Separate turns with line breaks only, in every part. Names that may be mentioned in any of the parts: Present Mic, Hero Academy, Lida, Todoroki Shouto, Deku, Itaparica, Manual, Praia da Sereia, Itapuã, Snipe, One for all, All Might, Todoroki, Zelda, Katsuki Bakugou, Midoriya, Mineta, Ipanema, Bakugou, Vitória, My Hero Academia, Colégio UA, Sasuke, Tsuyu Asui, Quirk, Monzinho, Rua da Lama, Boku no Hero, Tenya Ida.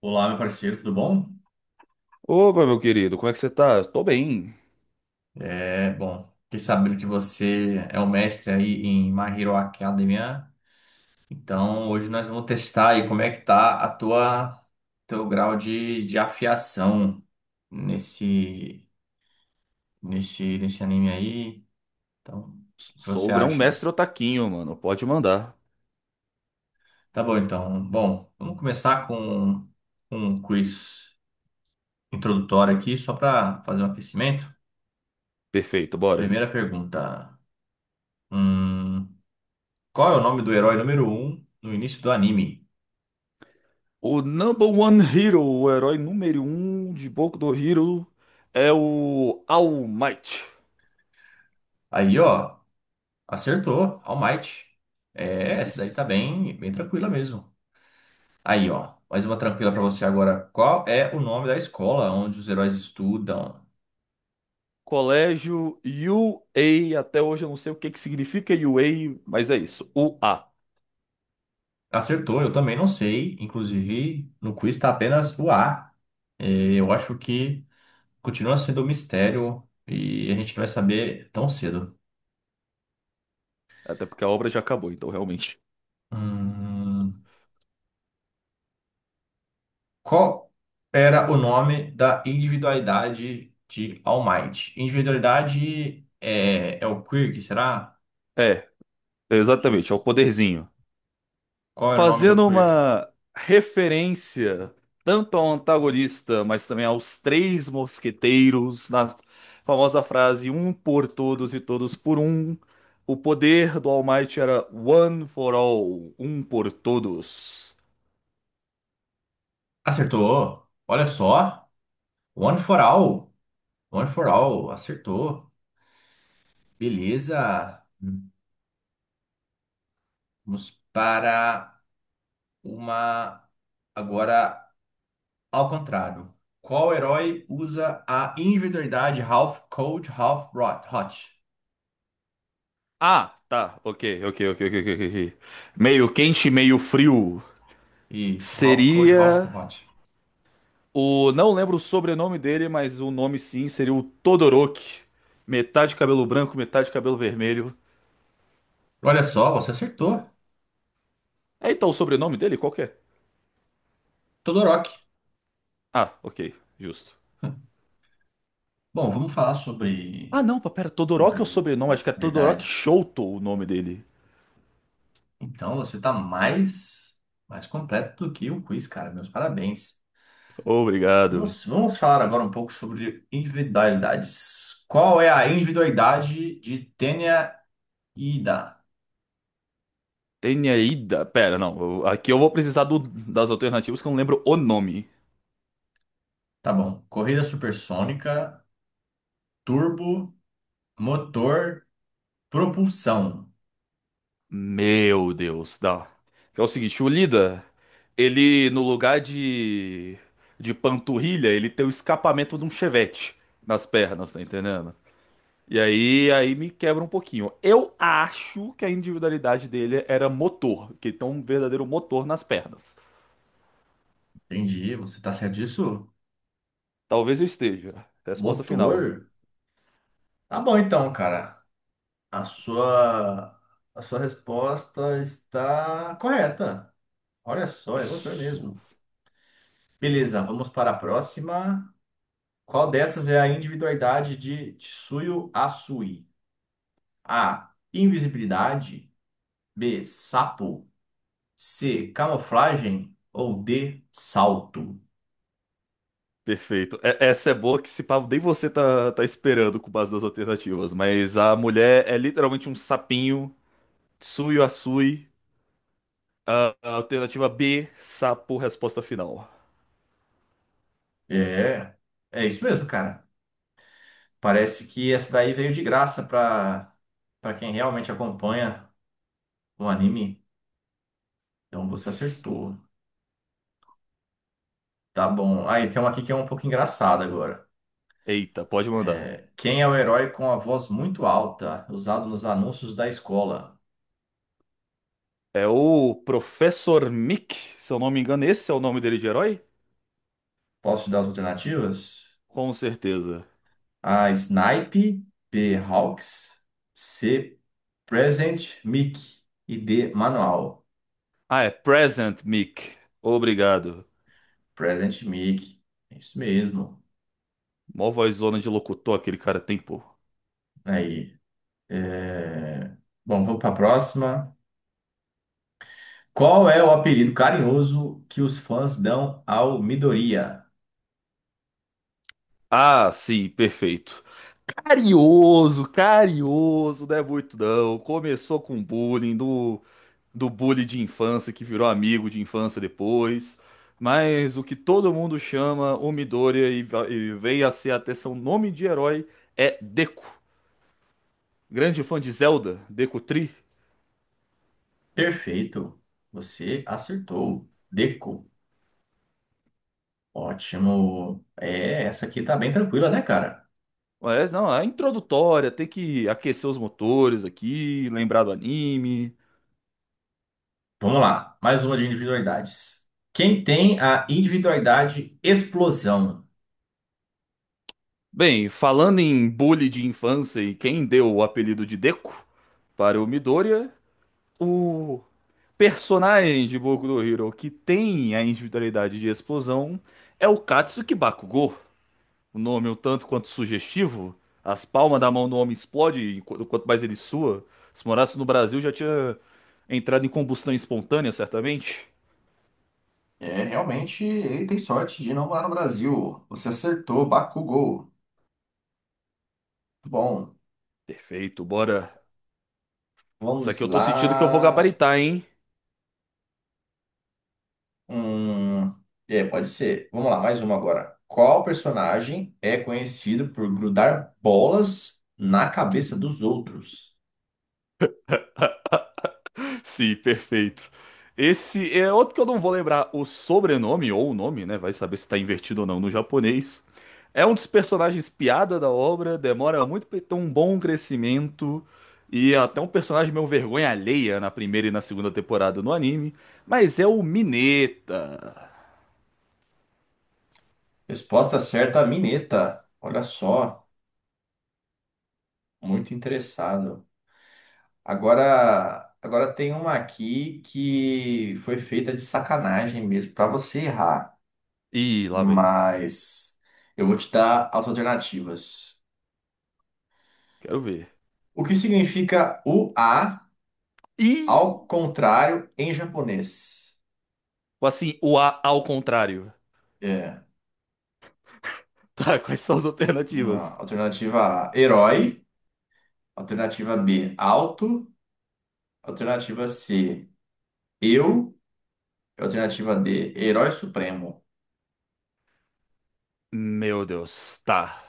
Olá, meu parceiro, tudo bom?
Opa, meu querido, como é que você tá? Tô bem.
É, bom, fiquei sabendo que você é o mestre aí em My Hero Academia. Então, hoje nós vamos testar aí como é que tá a tua teu grau de afiação nesse nesse anime aí. Então, o que que
Sou
você
o
acha?
grão-mestre Otaquinho, mano. Pode mandar.
Tá bom, então. Bom, vamos começar com um quiz introdutório aqui só para fazer um aquecimento.
Perfeito, bora.
Primeira pergunta. Hum, Qual é o nome do herói número um no início do anime?
O number one hero, o herói número um de Boku no Hero, é o All Might.
Aí, ó, acertou, All Might. É, essa daí tá
Isso.
bem tranquila mesmo. Aí, ó, mais uma tranquila pra você agora. Qual é o nome da escola onde os heróis estudam?
Colégio UA, até hoje eu não sei o que que significa UA, mas é isso, U A.
Acertou, eu também não sei. Inclusive, no quiz tá apenas o A. É, eu acho que continua sendo um mistério e a gente não vai saber tão cedo.
Até porque a obra já acabou, então realmente.
Hum, Qual era o nome da individualidade de All Might? Individualidade é o Quirk, será?
É, exatamente, é o
Isso.
poderzinho.
Qual era o nome do
Fazendo
Quirk?
uma referência tanto ao antagonista, mas também aos três mosqueteiros, na famosa frase um por todos e todos por um. O poder do All Might era one for all, um por todos.
Acertou. Olha só. One for all. One for all. Acertou. Beleza. Vamos para uma. Agora ao contrário. Qual herói usa a individualidade Half Cold, Hot?
Ah, tá, ok, ok, ok, ok, ok, ok. Meio quente, meio frio.
Isso. Half Cold, Half
Seria
Hot.
o. Não lembro o sobrenome dele, mas o nome sim seria o Todoroki. Metade cabelo branco, metade cabelo vermelho.
Olha só, você acertou.
É, então, o sobrenome dele, qual que é?
Todoroki.
Ah, ok, justo.
Bom, vamos falar
Ah,
sobre,
não, pá, pera, Todoroki é o
sobre
sobrenome, acho que é Todoroki
verdade.
Shouto o nome dele.
Então, você está mais completo do que o quiz, cara. Meus parabéns.
Obrigado.
Vamos falar agora um pouco sobre individualidades. Qual é a individualidade de Tenya Ida?
Tenyaida, pera, não, aqui eu vou precisar das alternativas que eu não lembro o nome.
Tá bom. Corrida supersônica, turbo, motor, propulsão.
Meu Deus, dá. Que é o seguinte, o Lida, ele, no lugar de panturrilha, ele tem o escapamento de um chevette nas pernas, tá entendendo? E aí me quebra um pouquinho. Eu acho que a individualidade dele era motor, que ele tem um verdadeiro motor nas pernas.
Entendi. Você tá certo disso?
Talvez eu esteja. Resposta final.
Motor? Tá bom então, cara. A sua, a sua resposta está correta. Olha só, é motor
Isso.
mesmo. Beleza, vamos para a próxima. Qual dessas é a individualidade de Tsuyu Asui? A. Invisibilidade. B. Sapo. C. Camuflagem. Ou D. Salto.
Perfeito. Essa é boa que se pá, nem você tá esperando com base das alternativas, mas a mulher é literalmente um sapinho, Tsuyu Asui. A alternativa B, sapo, resposta final.
É, é isso mesmo, cara. Parece que essa daí veio de graça para quem realmente acompanha o anime. Então você
S-
acertou. Tá bom. Aí tem uma aqui que é um pouco engraçada agora.
Eita, pode mandar.
Quem é o herói com a voz muito alta, usado nos anúncios da escola?
É o Professor Mick, se eu não me engano, esse é o nome dele de herói?
Posso te dar as alternativas?
Com certeza.
A. Snipe, B. Hawks, C. Present Mic e D. Manual.
Ah, é Present Mic. Obrigado.
Present Mic. É isso mesmo.
Mó vozona de locutor aquele cara tem, pô.
Aí. é, Bom, vamos para a próxima. Qual é o apelido carinhoso que os fãs dão ao Midoriya?
Ah, sim, perfeito. Carioso, carioso, não é muito não. Começou com bullying, do bullying de infância, que virou amigo de infância depois. Mas o que todo mundo chama o Midoriya e veio a ser até seu nome de herói é Deku. Grande fã de Zelda, Deku.
Perfeito. Você acertou. Deco. Ótimo. É, essa aqui tá bem tranquila, né, cara?
Mas não, é introdutória, tem que aquecer os motores aqui, lembrar do anime.
Vamos lá. Mais uma de individualidades. Quem tem a individualidade explosão?
Bem, falando em bully de infância e quem deu o apelido de Deco para o Midoriya, o personagem de Boku no Hero que tem a individualidade de explosão é o Katsuki Bakugou. O nome é um tanto quanto sugestivo, as palmas da mão do homem explodem quanto mais ele sua. Se morasse no Brasil já tinha entrado em combustão espontânea, certamente.
É, realmente, ele tem sorte de não morar no Brasil. Você acertou, Bakugou. Bom,
Perfeito, bora. Isso
vamos
aqui eu tô sentindo que eu vou
lá.
gabaritar, hein?
Hum, é, pode ser. Vamos lá, mais uma agora. Qual personagem é conhecido por grudar bolas na cabeça dos outros?
Sim, perfeito. Esse é outro que eu não vou lembrar o sobrenome ou o nome, né? Vai saber se tá invertido ou não no japonês. É um dos personagens piada da obra, demora muito pra ele ter um bom crescimento e é até um personagem meio vergonha alheia na primeira e na segunda temporada no anime, mas é o Mineta.
Resposta certa, Mineta. Olha só. Muito interessado. Agora tem uma aqui que foi feita de sacanagem mesmo, para você errar,
Ih, lá vem.
mas eu vou te dar as alternativas.
Quero ver.
O que significa o A
Ih!
ao contrário em japonês?
Ou assim, o A ao contrário.
É,
Tá, quais são as
vamos lá.
alternativas?
Alternativa A, herói. Alternativa B, alto. Alternativa C, eu. Alternativa D, herói supremo.
Meu Deus, tá.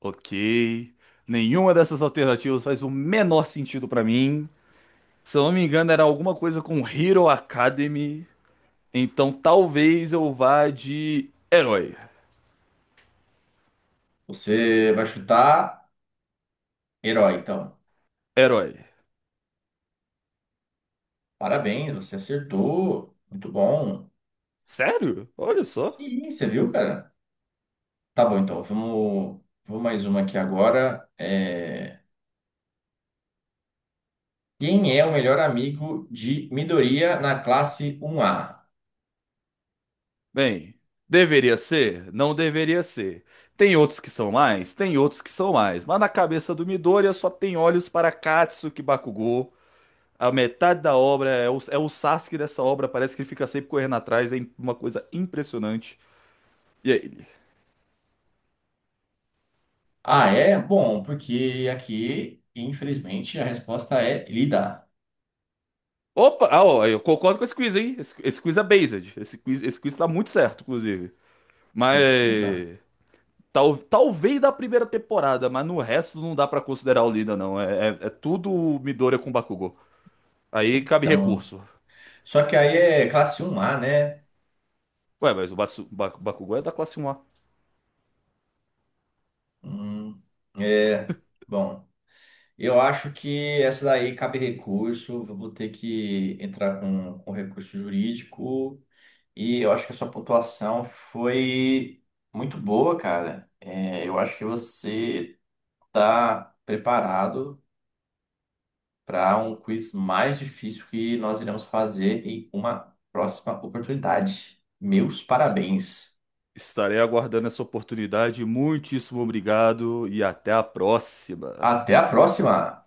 Ok. Nenhuma dessas alternativas faz o menor sentido pra mim. Se eu não me engano, era alguma coisa com Hero Academy. Então talvez eu vá de herói.
Você vai chutar herói, então.
Herói.
Parabéns, você acertou. Muito bom.
Sério? Olha só.
Sim, você viu, cara? Tá bom, então. Vamos mais uma aqui agora. Quem é o melhor amigo de Midoriya na classe 1A?
Bem, deveria ser? Não deveria ser. Tem outros que são mais? Tem outros que são mais. Mas na cabeça do Midoriya só tem olhos para Katsuki Bakugou. A metade da obra é o Sasuke dessa obra, parece que ele fica sempre correndo atrás, é uma coisa impressionante. E é ele.
Ah, é? Bom, porque aqui, infelizmente, a resposta é Lida.
Opa, ah, ó, eu concordo com esse quiz, hein? Esse quiz é based. Esse quiz tá muito certo, inclusive.
Com certeza.
Mas. Talvez da primeira temporada, mas no resto não dá pra considerar o Lina, não. É tudo Midoriya com Bakugou. Aí cabe
Então,
recurso.
só que aí é classe 1A, né?
Ué, mas o Bakugou é da classe um a.
Hum, é. Bom. Eu acho que essa daí cabe recurso, vou ter que entrar com recurso jurídico. E eu acho que a sua pontuação foi muito boa, cara. É, eu acho que você está preparado para um quiz mais difícil que nós iremos fazer em uma próxima oportunidade. Meus parabéns.
Estarei aguardando essa oportunidade. Muitíssimo obrigado e até a próxima.
Até a próxima!